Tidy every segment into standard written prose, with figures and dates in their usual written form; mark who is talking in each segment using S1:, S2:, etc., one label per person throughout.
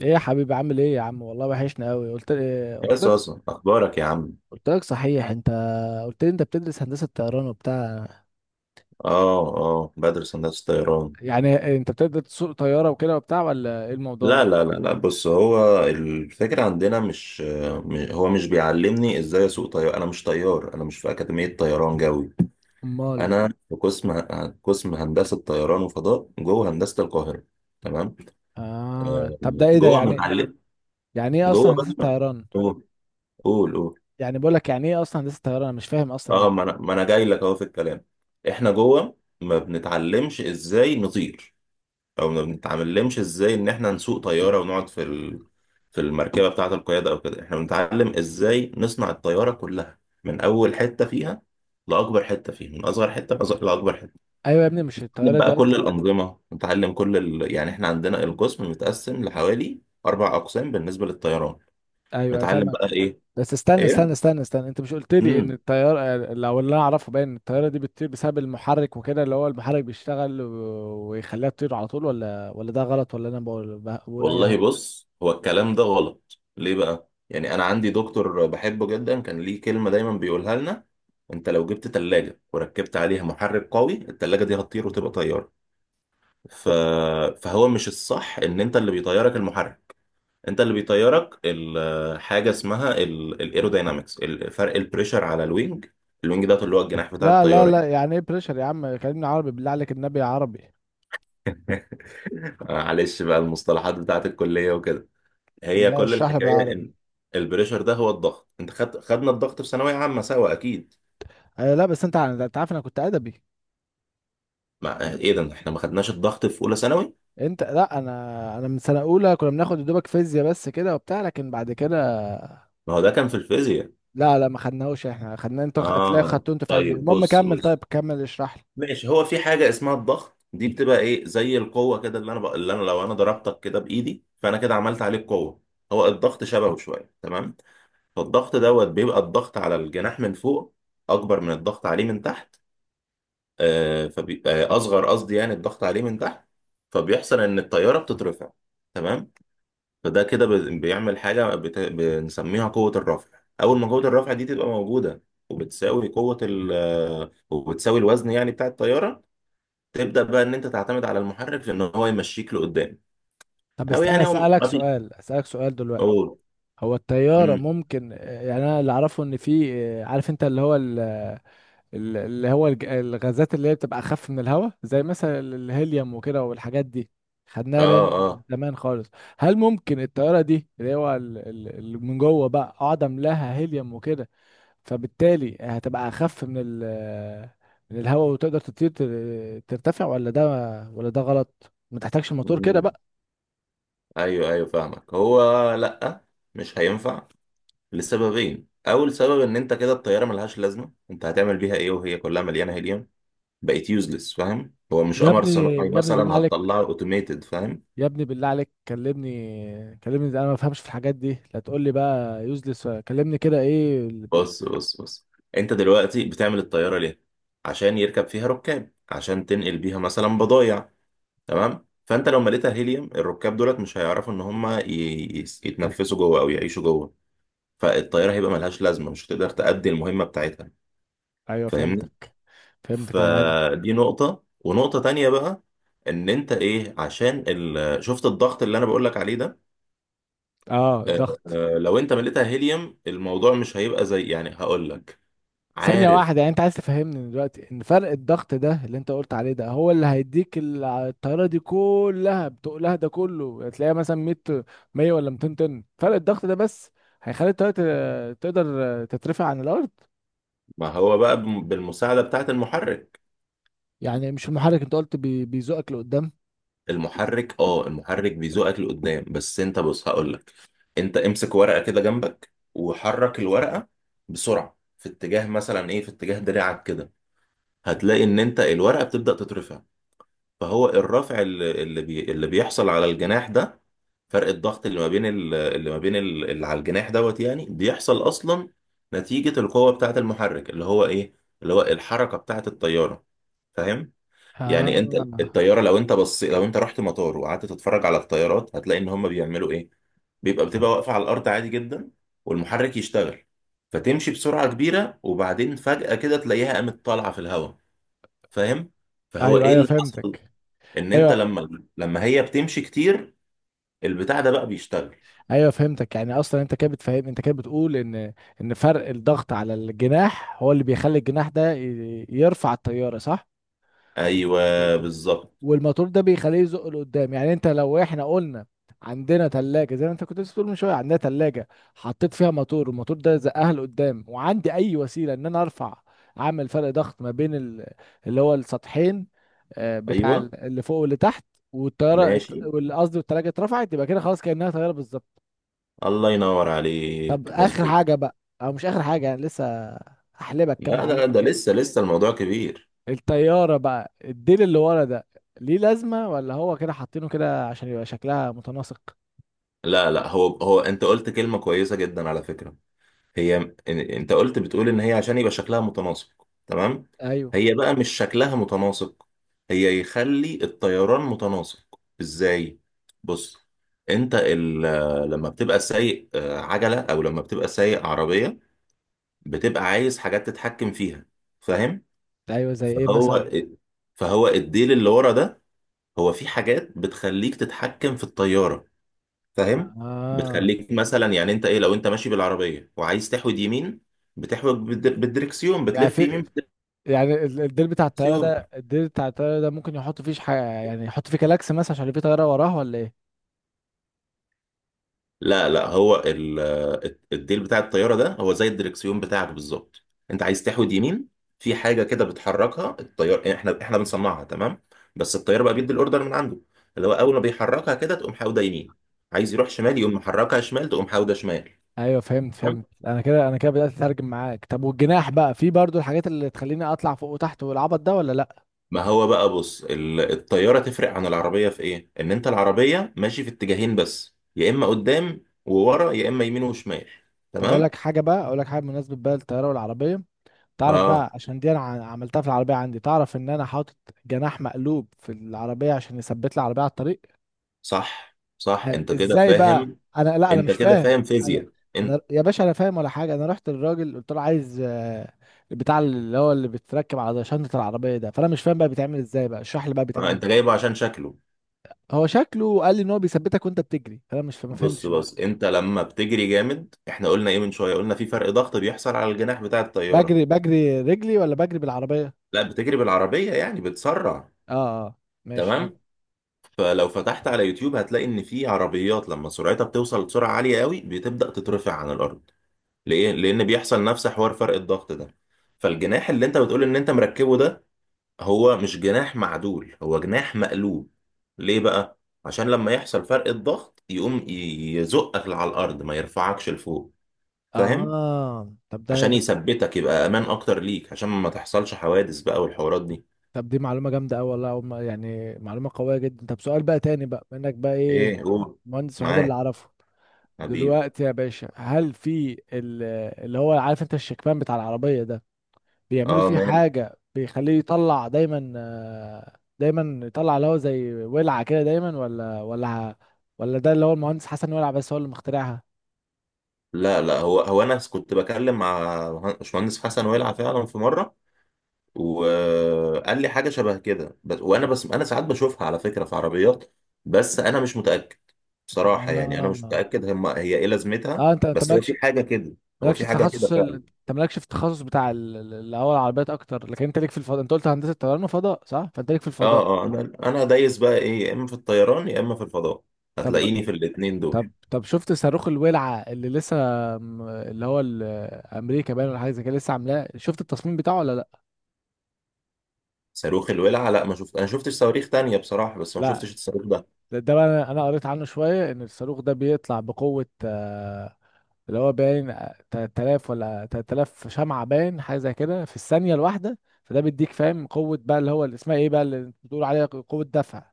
S1: ايه يا حبيبي، عامل ايه يا عم؟ والله وحشنا قوي.
S2: يا
S1: قلت لك.
S2: صاصة، أخبارك يا عم؟
S1: قلت لك، صحيح انت؟ قلت لي انت بتدرس هندسة طيران وبتاع.
S2: آه آه، بدرس هندسة طيران.
S1: يعني انت بتقدر تسوق طيارة وكده وبتاع، ولا ايه الموضوع؟
S2: لا لا لا لا، بص، هو الفكرة عندنا مش. هو مش بيعلمني إزاي أسوق طيار. أنا مش طيار، أنا مش في أكاديمية طيران جوي.
S1: امال؟
S2: أنا في قسم هندسة طيران وفضاء جوه هندسة القاهرة. تمام.
S1: اه،
S2: آه،
S1: طب ده ايه ده
S2: جوه
S1: يعني؟
S2: متعلم،
S1: يعني ايه اصلا
S2: جوه
S1: هندسة
S2: بقى.
S1: طيران؟
S2: قول قول قول.
S1: يعني بقول لك، يعني ايه اصلا هندسة طيران؟ انا مش فاهم اصلا.
S2: آه، ما أنا جاي لك أهو في الكلام. إحنا جوه ما بنتعلمش إزاي نطير، او ما بنتعلمش ازاي ان احنا نسوق طياره ونقعد في في المركبه بتاعه القياده او كده. احنا بنتعلم ازاي نصنع الطياره كلها من اول حته فيها لاكبر حته فيها، من اصغر حته لاكبر حته.
S1: ايوه يا ابني، مش
S2: نتعلم
S1: الطيارة دي
S2: بقى كل
S1: اصلا؟
S2: الانظمه، نتعلم كل يعني احنا عندنا القسم متقسم لحوالي اربع اقسام بالنسبه للطيران.
S1: ايوه، أيوة،
S2: نتعلم
S1: فاهمك.
S2: بقى ايه.
S1: بس استنى استنى استنى استنى، انت مش قلت لي ان
S2: ايه
S1: الطياره، لو اللي انا اعرفه باين، إن الطياره دي بتطير بسبب المحرك وكده، اللي هو المحرك بيشتغل ويخليها تطير على طول، ولا ده غلط، ولا انا بقول اي
S2: والله،
S1: هبل؟
S2: بص، هو الكلام ده غلط ليه بقى؟ يعني انا عندي دكتور بحبه جدا كان ليه كلمة دايما بيقولها لنا: انت لو جبت تلاجة وركبت عليها محرك قوي، التلاجة دي هتطير وتبقى طيارة. ف... فهو مش الصح ان انت اللي بيطيرك المحرك. انت اللي بيطيرك حاجة اسمها الايروداينامكس، فرق البريشر على الوينج. الوينج ده اللي هو الجناح بتاع
S1: لا لا
S2: الطيارة.
S1: لا، يعني ايه بريشر يا عم؟ كلمني عربي بالله عليك، النبي عربي.
S2: معلش بقى، المصطلحات بتاعت الكلية وكده.
S1: طب
S2: هي
S1: لا،
S2: كل
S1: اشرح لي
S2: الحكايه
S1: بالعربي.
S2: ان البريشر ده هو الضغط. انت خدنا الضغط في ثانويه عامه سوا، اكيد.
S1: آه لا، بس انت انت عارف انا كنت ادبي.
S2: مع ايه ده، احنا ما خدناش الضغط في اولى ثانوي؟
S1: انت لا، انا من سنه اولى كنا بناخد يا دوبك فيزياء بس كده وبتاع، لكن بعد كده.
S2: ما هو ده كان في الفيزياء.
S1: لا لا، ما خدناهوش احنا، خدنا انت تلاقي
S2: اه
S1: خدته انت في علم.
S2: طيب،
S1: المهم
S2: بص
S1: كمل، طيب
S2: بص.
S1: كمل اشرح لي.
S2: ماشي، هو في حاجه اسمها الضغط، دي بتبقى ايه؟ زي القوه كده، اللي انا اللي انا لو ضربتك كده بايدي، فانا كده عملت عليك قوه. هو الضغط شبهه شويه، تمام؟ فالضغط دوت بيبقى الضغط على الجناح من فوق اكبر من الضغط عليه من تحت. فبيبقى اصغر، قصدي يعني، الضغط عليه من تحت. فبيحصل ان الطياره بتترفع، تمام. فده كده بيعمل حاجه بنسميها قوه الرفع. اول ما قوه الرفع دي تبقى موجوده وبتساوي قوه ال... آه، وبتساوي الوزن يعني بتاع الطياره، تبدا بقى ان انت تعتمد على المحرك في ان هو يمشيك لقدام.
S1: طب
S2: او
S1: استنى،
S2: يعني هو
S1: اسالك
S2: ما بي
S1: سؤال اسالك سؤال دلوقتي.
S2: أوه.
S1: هو الطياره
S2: امم.
S1: ممكن، يعني انا اللي اعرفه ان في، عارف انت، اللي هو اللي هو الغازات اللي هي بتبقى اخف من الهواء، زي مثلا الهيليوم وكده والحاجات دي، خدناها
S2: اه
S1: باين
S2: اه.
S1: زمان خالص. هل ممكن الطياره دي، اللي هو اللي من جوه بقى اقعد املاها هيليوم وكده، فبالتالي هتبقى اخف من الهواء، وتقدر تطير ترتفع، ولا ده، ولا ده غلط؟ ما تحتاجش الموتور كده
S2: امم.
S1: بقى؟
S2: ايوه ايوه، فاهمك. هو، لا، مش هينفع لسببين. اول سبب ان انت كده الطياره ملهاش لازمه. انت هتعمل بيها ايه وهي كلها مليانه هيليوم؟ بقت يوزلس، فاهم؟ هو مش
S1: يا
S2: قمر
S1: ابني،
S2: صناعي
S1: يا ابني بالله
S2: مثلا
S1: عليك،
S2: هتطلعه اوتوميتد، فاهم؟
S1: يا ابني بالله عليك، كلمني كلمني، ده انا ما بفهمش في الحاجات دي، لا تقول لي بقى يوزلس، كلمني كده ايه
S2: بص بص بص، انت دلوقتي بتعمل الطياره ليه؟ عشان يركب فيها ركاب، عشان تنقل بيها مثلا بضايع، تمام؟ فانت لو مليتها هيليوم، الركاب دولت مش هيعرفوا ان هم يتنفسوا جوه او يعيشوا جوه. فالطياره هيبقى ملهاش لازمه، مش هتقدر تأدي المهمه بتاعتها.
S1: ايوه
S2: فاهمني؟
S1: فهمتك. فهمتك يعني.
S2: فدي نقطة، ونقطة تانية بقى: ان انت ايه، عشان شفت الضغط اللي انا بقولك عليه ده،
S1: اه،
S2: آه،
S1: الضغط.
S2: لو انت مليتها هيليوم الموضوع مش هيبقى زي، يعني هقولك،
S1: ثانية
S2: عارف؟
S1: واحدة، يعني انت عايز تفهمني دلوقتي ان فرق الضغط ده اللي انت قلت عليه ده، هو اللي هيديك الطيارة دي كلها بتقلها، ده كله هتلاقيها مثلا 100، 100 ولا 200 طن فرق الضغط ده بس هيخلي الطيارة تقدر تترفع عن الأرض؟
S2: ما هو بقى بالمساعدة بتاعة المحرك.
S1: يعني مش المحرك؟ انت قلت بيزقك لقدام.
S2: المحرك، اه، المحرك بيزوقك لقدام بس، انت بص هقولك: انت امسك ورقة كده جنبك وحرك الورقة بسرعة في اتجاه، مثلا ايه، في اتجاه دراعك كده، هتلاقي ان انت الورقة بتبدأ تترفع. فهو الرفع اللي بيحصل على الجناح ده، فرق الضغط اللي ما بين اللي ما بين اللي على الجناح دوت، يعني بيحصل اصلا نتيجة القوة بتاعة المحرك، اللي هو ايه، اللي هو الحركة بتاعة الطيارة، فاهم؟ يعني انت
S1: اه.
S2: الطيارة، لو انت بص، لو انت رحت مطار وقعدت تتفرج على الطيارات، هتلاقي ان هم بيعملوا ايه: بتبقى واقفة على الارض عادي جدا والمحرك يشتغل، فتمشي بسرعة كبيرة وبعدين فجأة كده تلاقيها قامت طالعة في الهواء، فاهم؟ فهو
S1: ايوه
S2: ايه
S1: ايوه
S2: اللي حصل؟
S1: فهمتك.
S2: ان انت
S1: ايوه
S2: لما هي بتمشي كتير البتاع ده بقى بيشتغل.
S1: ايوه فهمتك، يعني اصلا انت كده بتفهم، انت كده بتقول ان، ان فرق الضغط على الجناح هو اللي بيخلي الجناح ده يرفع الطيارة، صح؟
S2: ايوه،
S1: و-
S2: بالظبط.
S1: والموتور ده بيخليه يزق لقدام. يعني انت، لو احنا قلنا عندنا تلاجة، زي ما انت كنت لسه بتقول من شوية، عندنا تلاجة، حطيت فيها موتور، والموتور ده زقها لقدام، وعندي اي وسيلة ان انا ارفع، اعمل فرق ضغط ما بين اللي هو السطحين، بتاع
S2: ايوه
S1: اللي فوق واللي تحت،
S2: ماشي،
S1: قصدي التلاجة اترفعت، يبقى كده خلاص، كأنها طيارة بالظبط.
S2: الله ينور
S1: طب
S2: عليك،
S1: اخر
S2: مظبوط.
S1: حاجة بقى، او مش اخر حاجة يعني، لسه هحلبك كام
S2: لا ده
S1: معلومة
S2: ده
S1: كده.
S2: لسه لسه الموضوع كبير.
S1: الطيارة بقى، الديل اللي ورا ده، ليه لازمة؟ ولا هو كده حاطينه كده عشان يبقى شكلها متناسق؟
S2: لا لا، هو هو انت قلت كلمة كويسة جدا على فكرة. هي انت قلت بتقول ان هي عشان يبقى شكلها متناسق، تمام؟
S1: ايوه
S2: هي بقى مش شكلها متناسق، هي يخلي الطيران متناسق، ازاي؟ بص، انت لما بتبقى سايق عجلة، او لما بتبقى سايق عربية، بتبقى عايز حاجات تتحكم فيها، فاهم؟
S1: ايوه. زي ايه مثلا؟
S2: فهو، فهو الديل اللي ورا ده هو في حاجات بتخليك تتحكم في الطيارة، فاهم؟
S1: اه.
S2: بتخليك مثلا، يعني انت ايه، لو انت ماشي بالعربيه وعايز تحود يمين، بتحود بالدركسيون،
S1: يعني
S2: بتلف
S1: في
S2: يمين.
S1: يعني الديل بتاع الطيارة
S2: بالدركسيون.
S1: ده الديل بتاع الطيارة ده ممكن يحط فيه حاجة، يعني يحط فيه كلاكس مثلا عشان في طيارة وراه، ولا ايه؟
S2: لا لا، هو الديل بتاع الطياره ده هو زي الدركسيون بتاعك بالظبط. انت عايز تحود يمين، في حاجه كده بتحركها الطيار، يعني احنا بنصنعها، تمام، بس الطيار بقى بيدي الاوردر من عنده، اللي هو اول ما بيحركها كده تقوم حاوده يمين، عايز يروح شمال يقوم محركها شمال تقوم حاوده شمال.
S1: ايوه، فهمت. انا كده بدأت اترجم معاك. طب والجناح بقى، في برضو الحاجات اللي تخليني اطلع فوق وتحت والعبط ده، ولا لا؟
S2: ما هو بقى بص، الطيارة تفرق عن العربية في ايه؟ ان انت العربية ماشي في اتجاهين بس، يا اما قدام وورا يا اما يمين وشمال،
S1: طب
S2: تمام؟
S1: اقول لك حاجة، بمناسبة بقى الطيارة والعربية. تعرف
S2: اه.
S1: بقى، عشان دي انا عملتها في العربيه عندي، تعرف ان انا حاطط جناح مقلوب في العربيه عشان يثبت لي العربيه على الطريق؟
S2: صح صح،
S1: أيوة.
S2: انت كده
S1: ازاي بقى؟
S2: فاهم.
S1: لا انا
S2: انت
S1: مش
S2: كده
S1: فاهم.
S2: فاهم
S1: انا،
S2: فيزياء.
S1: انا
S2: انت،
S1: يا باشا انا فاهم ولا حاجه. انا رحت للراجل قلت له عايز البتاع اللي هو اللي بيتركب على شنطه العربيه ده، فانا مش فاهم بقى بيتعمل ازاي، بقى اشرح لي بقى
S2: آه،
S1: بيتعمل
S2: انت
S1: ازاي.
S2: جايبه عشان شكله.
S1: هو شكله قال لي ان هو بيثبتك وانت بتجري، فانا مش فا- ما
S2: بص
S1: فهمتش
S2: بص،
S1: برضه.
S2: انت لما بتجري جامد، احنا قلنا ايه من شوية؟ قلنا في فرق ضغط بيحصل على الجناح بتاع الطيارة.
S1: بجري بجري رجلي، ولا بجري بالعربيه؟
S2: لا، بتجري بالعربية يعني، بتسرع.
S1: اه اه. ماشي.
S2: تمام؟ فلو فتحت على يوتيوب هتلاقي ان في عربيات لما سرعتها بتوصل لسرعه عاليه قوي بتبدا تترفع عن الارض. ليه؟ لان بيحصل نفس حوار فرق الضغط ده. فالجناح اللي انت بتقول ان انت مركبه ده هو مش جناح معدول، هو جناح مقلوب. ليه بقى؟ عشان لما يحصل فرق الضغط يقوم يزقك على الارض، ما يرفعكش لفوق، فاهم؟
S1: اه، طب
S2: عشان
S1: ده،
S2: يثبتك، يبقى امان اكتر ليك، عشان ما تحصلش حوادث بقى والحوارات دي.
S1: طب دي معلومة جامدة أوي والله، أول ما- يعني معلومة قوية جدا. طب سؤال بقى تاني بقى منك، بقى إيه؟
S2: ايه جوه.
S1: المهندس الوحيد اللي
S2: معاك
S1: أعرفه
S2: حبيبي.
S1: دلوقتي يا باشا، هل في اللي هو، عارف أنت، الشكمان بتاع العربية ده، بيعملوا
S2: اه
S1: فيه
S2: ماشي.
S1: حاجة بيخليه يطلع دايما، دايما يطلع اللي هو زي ولعة كده دايما، ولا ده اللي هو المهندس حسن ولع بس هو اللي مخترعها؟
S2: لا لا، هو هو انا كنت بكلم مع باشمهندس حسن ويلعب فعلا في مره وقال لي حاجه شبه كده، بس. وانا بس انا ساعات بشوفها على فكره في عربيات، بس انا مش متاكد بصراحه، يعني انا مش
S1: آه
S2: متاكد هم، هي ايه لازمتها،
S1: آه، أنت
S2: بس هو في
S1: مالكش،
S2: حاجه كده. هو في حاجه كده فعلا.
S1: انت مالكش في التخصص بتاع اللي هو العربيات اكتر، لكن انت ليك في الفضاء. انت قلت هندسه طيران وفضاء، صح؟ فانت ليك في
S2: اه
S1: الفضاء.
S2: اه، انا دايس بقى ايه، يا اما في الطيران يا اما في الفضاء،
S1: طب
S2: هتلاقيني في الاتنين دول.
S1: طب طب شفت صاروخ الولعه اللي لسه، اللي هو امريكا باين، ولا حاجه زي كده لسه عاملاه؟ شفت التصميم بتاعه ولا لا؟
S2: صاروخ الولعة؟ لا ما شفت، انا شفتش صواريخ تانية بصراحة، بس ما
S1: لا،
S2: شفتش الصاروخ ده.
S1: ده بقى، انا قريت عنه شويه، ان الصاروخ ده بيطلع بقوه، اللي هو باين، 3000 ولا 3000 شمعه، باين حاجه زي كده في الثانيه الواحده. فده بيديك، فاهم، قوه بقى، اللي هو اللي اسمها ايه بقى، اللي بتقول عليها قوه دفع.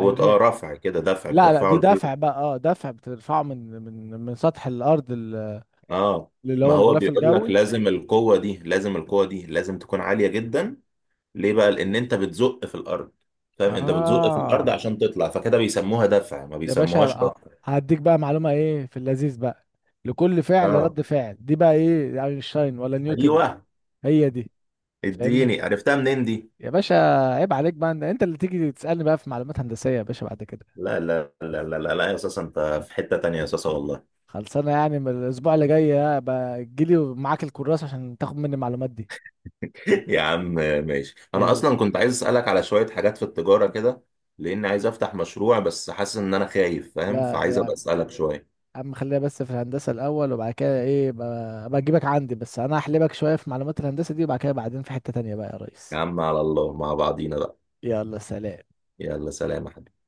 S2: هو اه رفع، كده دفع،
S1: لا لا،
S2: بترفعه
S1: دي
S2: لفوق.
S1: دفع بقى، اه دفع، بترفعه من سطح الارض
S2: اه،
S1: اللي
S2: ما
S1: هو
S2: هو
S1: الغلاف
S2: بيقول لك
S1: الجوي.
S2: لازم القوة دي، لازم القوة دي لازم تكون عالية جدا. ليه بقى؟ لان انت بتزق في الارض، فاهم؟ انت بتزق في الارض
S1: اه
S2: عشان تطلع، فكده بيسموها دفع ما
S1: يا باشا،
S2: بيسموهاش رفع.
S1: هديك بقى معلومة، ايه في اللذيذ بقى. لكل فعل
S2: اه
S1: رد فعل، دي بقى ايه، اينشتاين ولا نيوتن؟
S2: ايوه.
S1: هي دي. فاهمني
S2: اديني عرفتها منين دي.
S1: يا باشا؟ عيب عليك بقى، انت اللي تيجي تسألني بقى في معلومات هندسية يا باشا بعد كده.
S2: لا لا لا لا لا، لا يا اساس انت، في حتة تانية يا اساس، والله.
S1: خلصانة يعني، من الاسبوع اللي جاي بقى تجيلي ومعاك الكراسة عشان تاخد مني المعلومات دي.
S2: يا عم ماشي، انا
S1: يلا.
S2: اصلا كنت عايز اسالك على شوية حاجات في التجارة كده، لان عايز افتح مشروع بس حاسس ان انا خايف، فاهم؟ فعايز
S1: لا
S2: ابقى اسالك شوية.
S1: عم، خلينا بس في الهندسة الأول، وبعد كده إيه، بجيبك عندي. بس أنا هحلبك شوية في معلومات الهندسة دي، وبعد كده بعدين في حتة تانية بقى يا
S2: يا
S1: ريس.
S2: عم على الله، مع بعضينا بقى.
S1: يلا سلام.
S2: يلا سلام يا حبيبي.